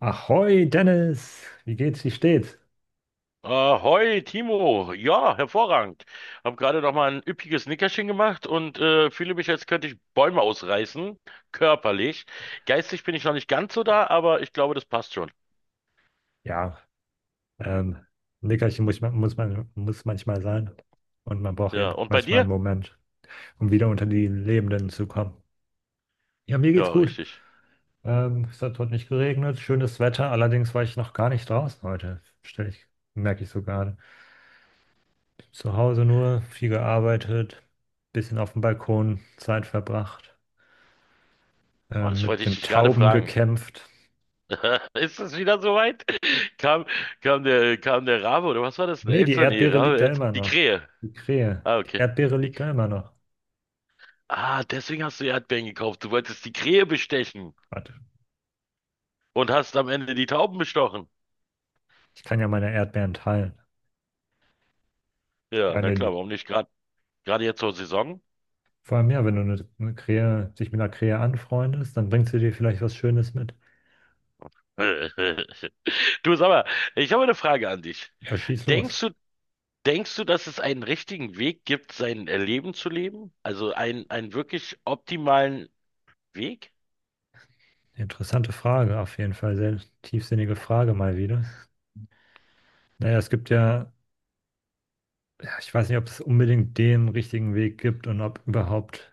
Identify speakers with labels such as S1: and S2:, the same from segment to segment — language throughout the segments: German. S1: Ahoi, Dennis! Wie geht's? Wie steht's?
S2: Ahoi, Timo. Ja, hervorragend. Hab gerade noch mal ein üppiges Nickerchen gemacht und fühle mich, als könnte ich Bäume ausreißen, körperlich. Geistig bin ich noch nicht ganz so da, aber ich glaube, das passt schon.
S1: Ja, ähm, ein Nickerchen muss manchmal sein. Und man braucht
S2: Ja,
S1: eben
S2: und bei
S1: manchmal einen
S2: dir?
S1: Moment, um wieder unter die Lebenden zu kommen. Ja, mir geht's
S2: Ja,
S1: gut.
S2: richtig.
S1: Es hat heute nicht geregnet, schönes Wetter. Allerdings war ich noch gar nicht draußen heute. Merke ich so gerade. Zu Hause nur, viel gearbeitet, bisschen auf dem Balkon Zeit verbracht,
S2: Oh, das
S1: mit
S2: wollte ich
S1: den
S2: dich gerade
S1: Tauben
S2: fragen.
S1: gekämpft.
S2: Ist es wieder soweit? Kam, kam der Rabe oder was war das? Eine
S1: Nee, die
S2: Elster? Nee,
S1: Erdbeere liegt
S2: Rabe,
S1: da
S2: Elster.
S1: immer
S2: Die
S1: noch.
S2: Krähe.
S1: Die Krähe.
S2: Ah,
S1: Die
S2: okay.
S1: Erdbeere
S2: Die,
S1: liegt da immer noch.
S2: ah, deswegen hast du Erdbeeren gekauft. Du wolltest die Krähe bestechen
S1: Warte,
S2: und hast am Ende die Tauben bestochen.
S1: ich kann ja meine Erdbeeren teilen.
S2: Ja,
S1: Ja,
S2: na
S1: nee,
S2: klar, warum nicht? Gerade jetzt zur Saison?
S1: vor allem ja, wenn du dich mit einer Krähe anfreundest, dann bringt sie dir vielleicht was Schönes mit.
S2: Du, sag mal, ich habe eine Frage an dich.
S1: Ja, schieß
S2: Denkst
S1: los.
S2: du, denkst du, dass es einen richtigen Weg gibt, sein Leben zu leben? Also einen wirklich optimalen Weg?
S1: Interessante Frage, auf jeden Fall. Sehr tiefsinnige Frage mal wieder. Naja, ja, ich weiß nicht, ob es unbedingt den richtigen Weg gibt und ob überhaupt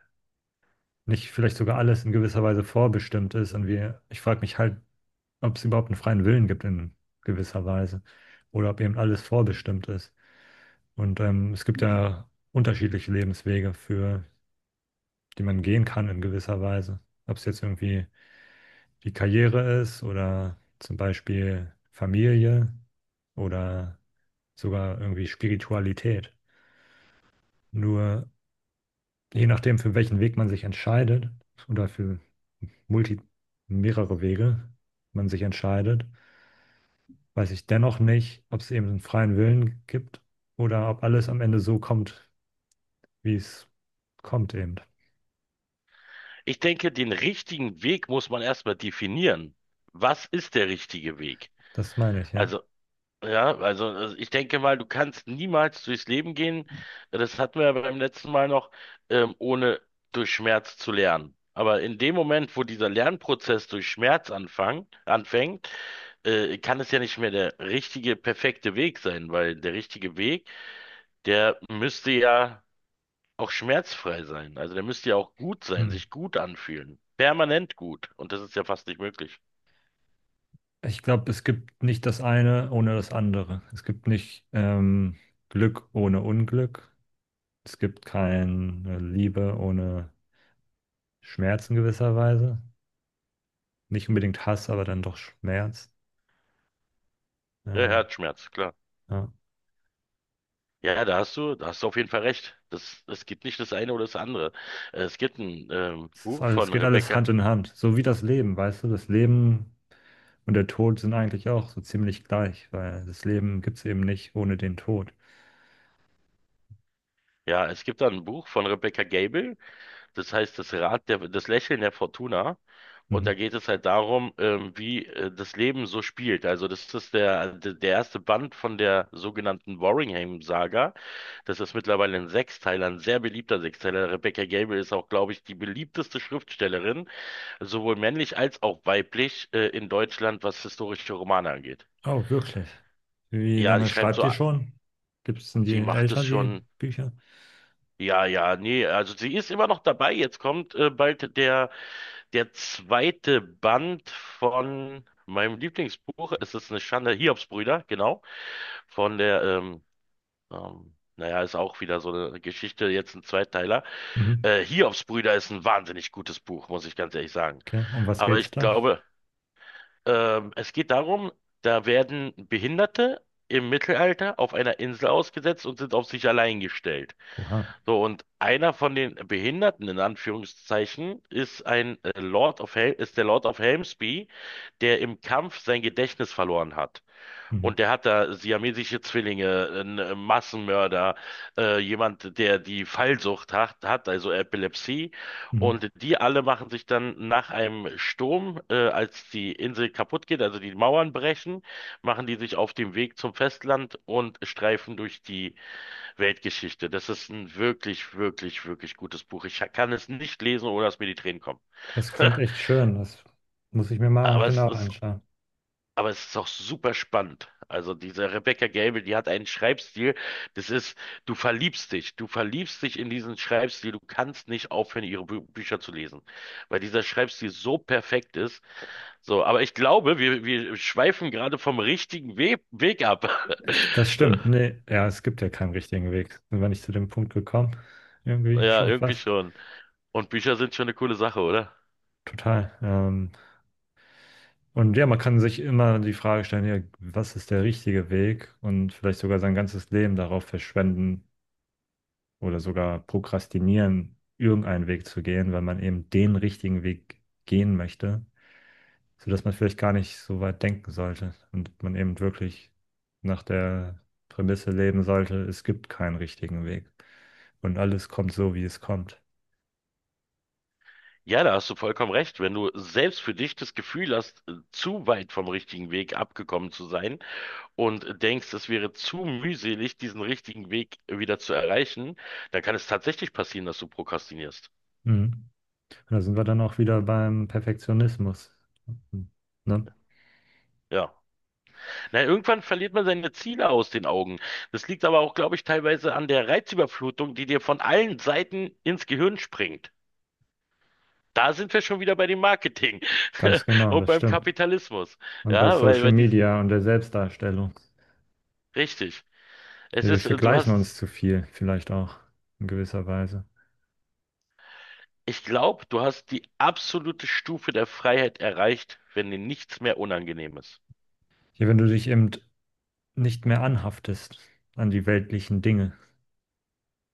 S1: nicht vielleicht sogar alles in gewisser Weise vorbestimmt ist. Ich frage mich halt, ob es überhaupt einen freien Willen gibt in gewisser Weise oder ob eben alles vorbestimmt ist. Und es gibt ja unterschiedliche Lebenswege, für die man gehen kann in gewisser Weise. Ob es jetzt irgendwie die Karriere ist oder zum Beispiel Familie oder sogar irgendwie Spiritualität. Nur je nachdem, für welchen Weg man sich entscheidet oder für multi mehrere Wege man sich entscheidet, weiß ich dennoch nicht, ob es eben einen freien Willen gibt oder ob alles am Ende so kommt, wie es kommt eben.
S2: Ich denke, den richtigen Weg muss man erstmal definieren. Was ist der richtige Weg?
S1: Das meine ich, ja.
S2: Also ja, also ich denke mal, du kannst niemals durchs Leben gehen. Das hatten wir ja beim letzten Mal noch, ohne durch Schmerz zu lernen. Aber in dem Moment, wo dieser Lernprozess durch Schmerz anfängt, kann es ja nicht mehr der richtige, perfekte Weg sein, weil der richtige Weg, der müsste ja auch schmerzfrei sein. Also der müsste ja auch gut sein,
S1: Hm.
S2: sich gut anfühlen. Permanent gut. Und das ist ja fast nicht möglich.
S1: Ich glaube, es gibt nicht das eine ohne das andere. Es gibt nicht Glück ohne Unglück. Es gibt keine Liebe ohne Schmerz in gewisser Weise. Nicht unbedingt Hass, aber dann doch Schmerz.
S2: Ja,
S1: Ähm,
S2: Herzschmerz, klar.
S1: ja.
S2: Ja, ja, da hast du auf jeden Fall recht. Das, es gibt nicht das eine oder das andere. Es gibt ein
S1: Es ist
S2: Buch
S1: alles, es
S2: von
S1: geht alles
S2: Rebecca.
S1: Hand in Hand. So wie das Leben, weißt du, das Leben und der Tod sind eigentlich auch so ziemlich gleich, weil das Leben gibt es eben nicht ohne den Tod.
S2: Ja, es gibt da ein Buch von Rebecca Gable. Das heißt das Lächeln der Fortuna. Und da
S1: Mhm.
S2: geht es halt darum, wie das Leben so spielt. Also das ist der erste Band von der sogenannten Warringham-Saga. Das ist mittlerweile ein Sechsteiler, ein sehr beliebter Sechsteiler. Rebecca Gable ist auch, glaube ich, die beliebteste Schriftstellerin sowohl männlich als auch weiblich in Deutschland, was historische Romane angeht.
S1: Oh, wirklich? Wie
S2: Ja, die
S1: lange
S2: schreibt
S1: schreibt
S2: so,
S1: ihr schon? Gibt es denn
S2: die macht es
S1: die
S2: schon.
S1: Bücher?
S2: Ja, ja, nee, also sie ist immer noch dabei. Jetzt kommt bald der zweite Band von meinem Lieblingsbuch. Es ist eine Schande, Hiobsbrüder, genau. Von der, naja, ist auch wieder so eine Geschichte, jetzt ein Zweiteiler.
S1: Mhm.
S2: Hiobsbrüder ist ein wahnsinnig gutes Buch, muss ich ganz ehrlich sagen.
S1: Okay, um was
S2: Aber
S1: geht's
S2: ich
S1: da?
S2: glaube, es geht darum, da werden Behinderte im Mittelalter auf einer Insel ausgesetzt und sind auf sich allein gestellt.
S1: Oha.
S2: So, und einer von den Behinderten, in Anführungszeichen, ist ein Lord of Hel ist der Lord of Helmsby, der im Kampf sein Gedächtnis verloren hat.
S1: Mhm.
S2: Und der hat da siamesische Zwillinge, einen Massenmörder, jemand, der die Fallsucht hat, also Epilepsie.
S1: Mhm.
S2: Und die alle machen sich dann nach einem Sturm, als die Insel kaputt geht, also die Mauern brechen, machen die sich auf den Weg zum Festland und streifen durch die Weltgeschichte. Das ist ein wirklich, wirklich, wirklich gutes Buch. Ich kann es nicht lesen, ohne dass mir die Tränen kommen.
S1: Das klingt echt schön. Das muss ich mir mal
S2: Aber es
S1: genau
S2: ist
S1: anschauen.
S2: aber es ist auch super spannend. Also diese Rebecca Gable, die hat einen Schreibstil, das ist, du verliebst dich in diesen Schreibstil, du kannst nicht aufhören, ihre Bü Bücher zu lesen, weil dieser Schreibstil so perfekt ist. So, aber ich glaube, wir schweifen gerade vom richtigen We Weg ab.
S1: Das stimmt. Nee, ja, es gibt ja keinen richtigen Weg. Sind wir nicht zu dem Punkt gekommen? Irgendwie
S2: Ja,
S1: schon
S2: irgendwie
S1: fast.
S2: schon. Und Bücher sind schon eine coole Sache, oder?
S1: Total. Und ja, man kann sich immer die Frage stellen, ja, was ist der richtige Weg und vielleicht sogar sein ganzes Leben darauf verschwenden oder sogar prokrastinieren, irgendeinen Weg zu gehen, weil man eben den richtigen Weg gehen möchte, sodass man vielleicht gar nicht so weit denken sollte und man eben wirklich nach der Prämisse leben sollte, es gibt keinen richtigen Weg und alles kommt so, wie es kommt.
S2: Ja, da hast du vollkommen recht. Wenn du selbst für dich das Gefühl hast, zu weit vom richtigen Weg abgekommen zu sein, und denkst, es wäre zu mühselig, diesen richtigen Weg wieder zu erreichen, dann kann es tatsächlich passieren, dass du prokrastinierst.
S1: Mhm. Und da sind wir dann auch wieder beim Perfektionismus. Ne?
S2: Ja. Na, irgendwann verliert man seine Ziele aus den Augen. Das liegt aber auch, glaube ich, teilweise an der Reizüberflutung, die dir von allen Seiten ins Gehirn springt. Da sind wir schon wieder bei dem Marketing
S1: Ganz genau,
S2: und
S1: das
S2: beim
S1: stimmt.
S2: Kapitalismus.
S1: Und bei
S2: Ja,
S1: Social Media und der Selbstdarstellung.
S2: richtig. Es
S1: Ja, wir
S2: ist,
S1: vergleichen uns zu viel, vielleicht auch in gewisser Weise.
S2: ich glaube, du hast die absolute Stufe der Freiheit erreicht, wenn dir nichts mehr unangenehm ist.
S1: Ja, wenn du dich eben nicht mehr anhaftest an die weltlichen Dinge.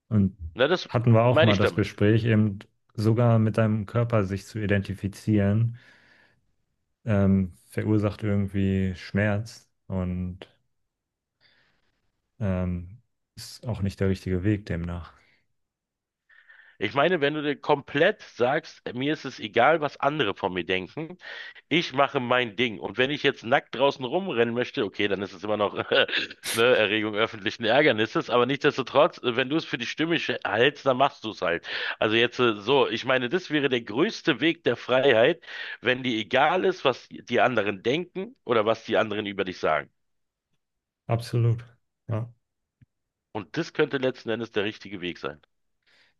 S1: Und
S2: Na, das
S1: hatten wir auch
S2: meine
S1: mal
S2: ich
S1: das
S2: damit.
S1: Gespräch, eben sogar mit deinem Körper sich zu identifizieren, verursacht irgendwie Schmerz und ähm, ist auch nicht der richtige Weg demnach.
S2: Ich meine, wenn du dir komplett sagst, mir ist es egal, was andere von mir denken, ich mache mein Ding. Und wenn ich jetzt nackt draußen rumrennen möchte, okay, dann ist es immer noch ne, Erregung öffentlichen Ärgernisses, aber nichtsdestotrotz, wenn du es für die Stimme hältst, dann machst du es halt. Also jetzt so, ich meine, das wäre der größte Weg der Freiheit, wenn dir egal ist, was die anderen denken oder was die anderen über dich sagen.
S1: Absolut. Ja.
S2: Und das könnte letzten Endes der richtige Weg sein.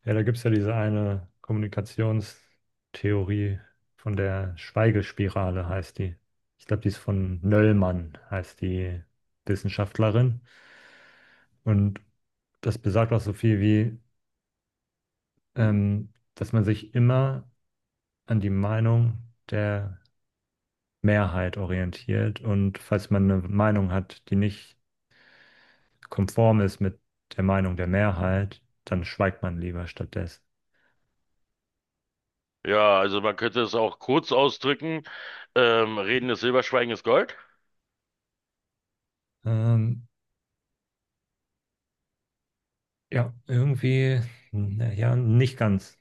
S1: Ja, da gibt es ja diese eine Kommunikationstheorie von der Schweigespirale, heißt die. Ich glaube, die ist von Nöllmann, heißt die Wissenschaftlerin. Und das besagt auch so viel wie, dass man sich immer an die Meinung der Mehrheit orientiert. Und falls man eine Meinung hat, die nicht konform ist mit der Meinung der Mehrheit, dann schweigt man lieber stattdessen.
S2: Ja, also man könnte es auch kurz ausdrücken. Reden ist Silber, Schweigen ist Gold.
S1: Ähm, Ja, irgendwie, na ja, nicht ganz.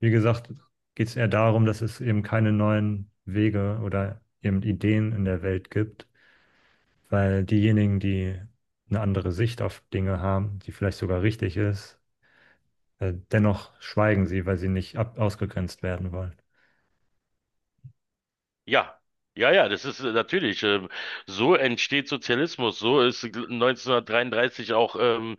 S1: Wie gesagt, geht es eher darum, dass es eben keine neuen Wege oder eben Ideen in der Welt gibt, weil diejenigen, die eine andere Sicht auf Dinge haben, die vielleicht sogar richtig ist, dennoch schweigen sie, weil sie nicht ab ausgegrenzt werden wollen.
S2: Ja, ja, ja, das ist natürlich. So entsteht Sozialismus. So ist 1933 auch ähm,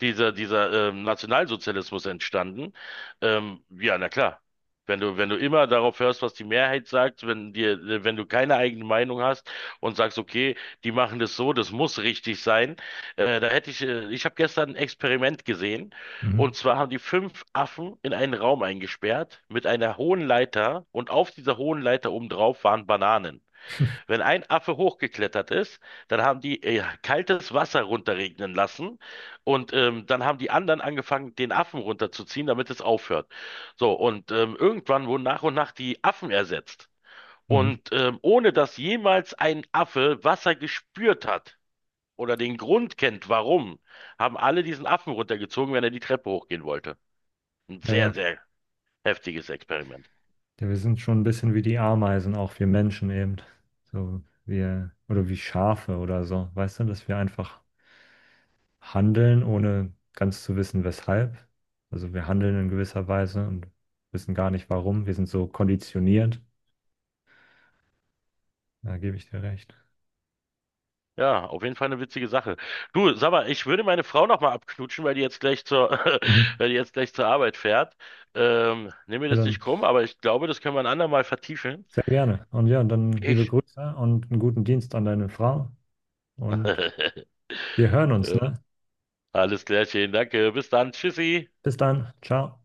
S2: dieser, dieser ähm, Nationalsozialismus entstanden. Ja, na klar. Wenn du immer darauf hörst, was die Mehrheit sagt, wenn du keine eigene Meinung hast und sagst, okay, die machen das so, das muss richtig sein, ich habe gestern ein Experiment gesehen,
S1: Mhm.
S2: und zwar haben die fünf Affen in einen Raum eingesperrt mit einer hohen Leiter und auf dieser hohen Leiter obendrauf waren Bananen. Wenn ein Affe hochgeklettert ist, dann haben die kaltes Wasser runterregnen lassen, und dann haben die anderen angefangen, den Affen runterzuziehen, damit es aufhört. So, und irgendwann wurden nach und nach die Affen ersetzt.
S1: Mhm.
S2: Und ohne dass jemals ein Affe Wasser gespürt hat oder den Grund kennt, warum, haben alle diesen Affen runtergezogen, wenn er die Treppe hochgehen wollte. Ein
S1: Ja,
S2: sehr,
S1: ja,
S2: sehr heftiges Experiment.
S1: ja, wir sind schon ein bisschen wie die Ameisen, auch wir Menschen eben. So, wir, oder wie Schafe oder so. Weißt du, dass wir einfach handeln, ohne ganz zu wissen, weshalb. Also wir handeln in gewisser Weise und wissen gar nicht warum. Wir sind so konditioniert. Da gebe ich dir recht.
S2: Ja, auf jeden Fall eine witzige Sache. Du, sag mal, ich würde meine Frau noch mal abknutschen, weil die jetzt gleich zur,
S1: Mhm.
S2: weil die jetzt gleich zur Arbeit fährt. Nimm mir
S1: Ja,
S2: das nicht
S1: dann
S2: krumm, aber ich glaube, das können wir ein andermal vertiefen.
S1: sehr gerne. Und ja, dann liebe
S2: Ich.
S1: Grüße und einen guten Dienst an deine Frau. Und wir hören uns, ne?
S2: Alles klärchen, danke. Bis dann. Tschüssi.
S1: Bis dann. Ciao.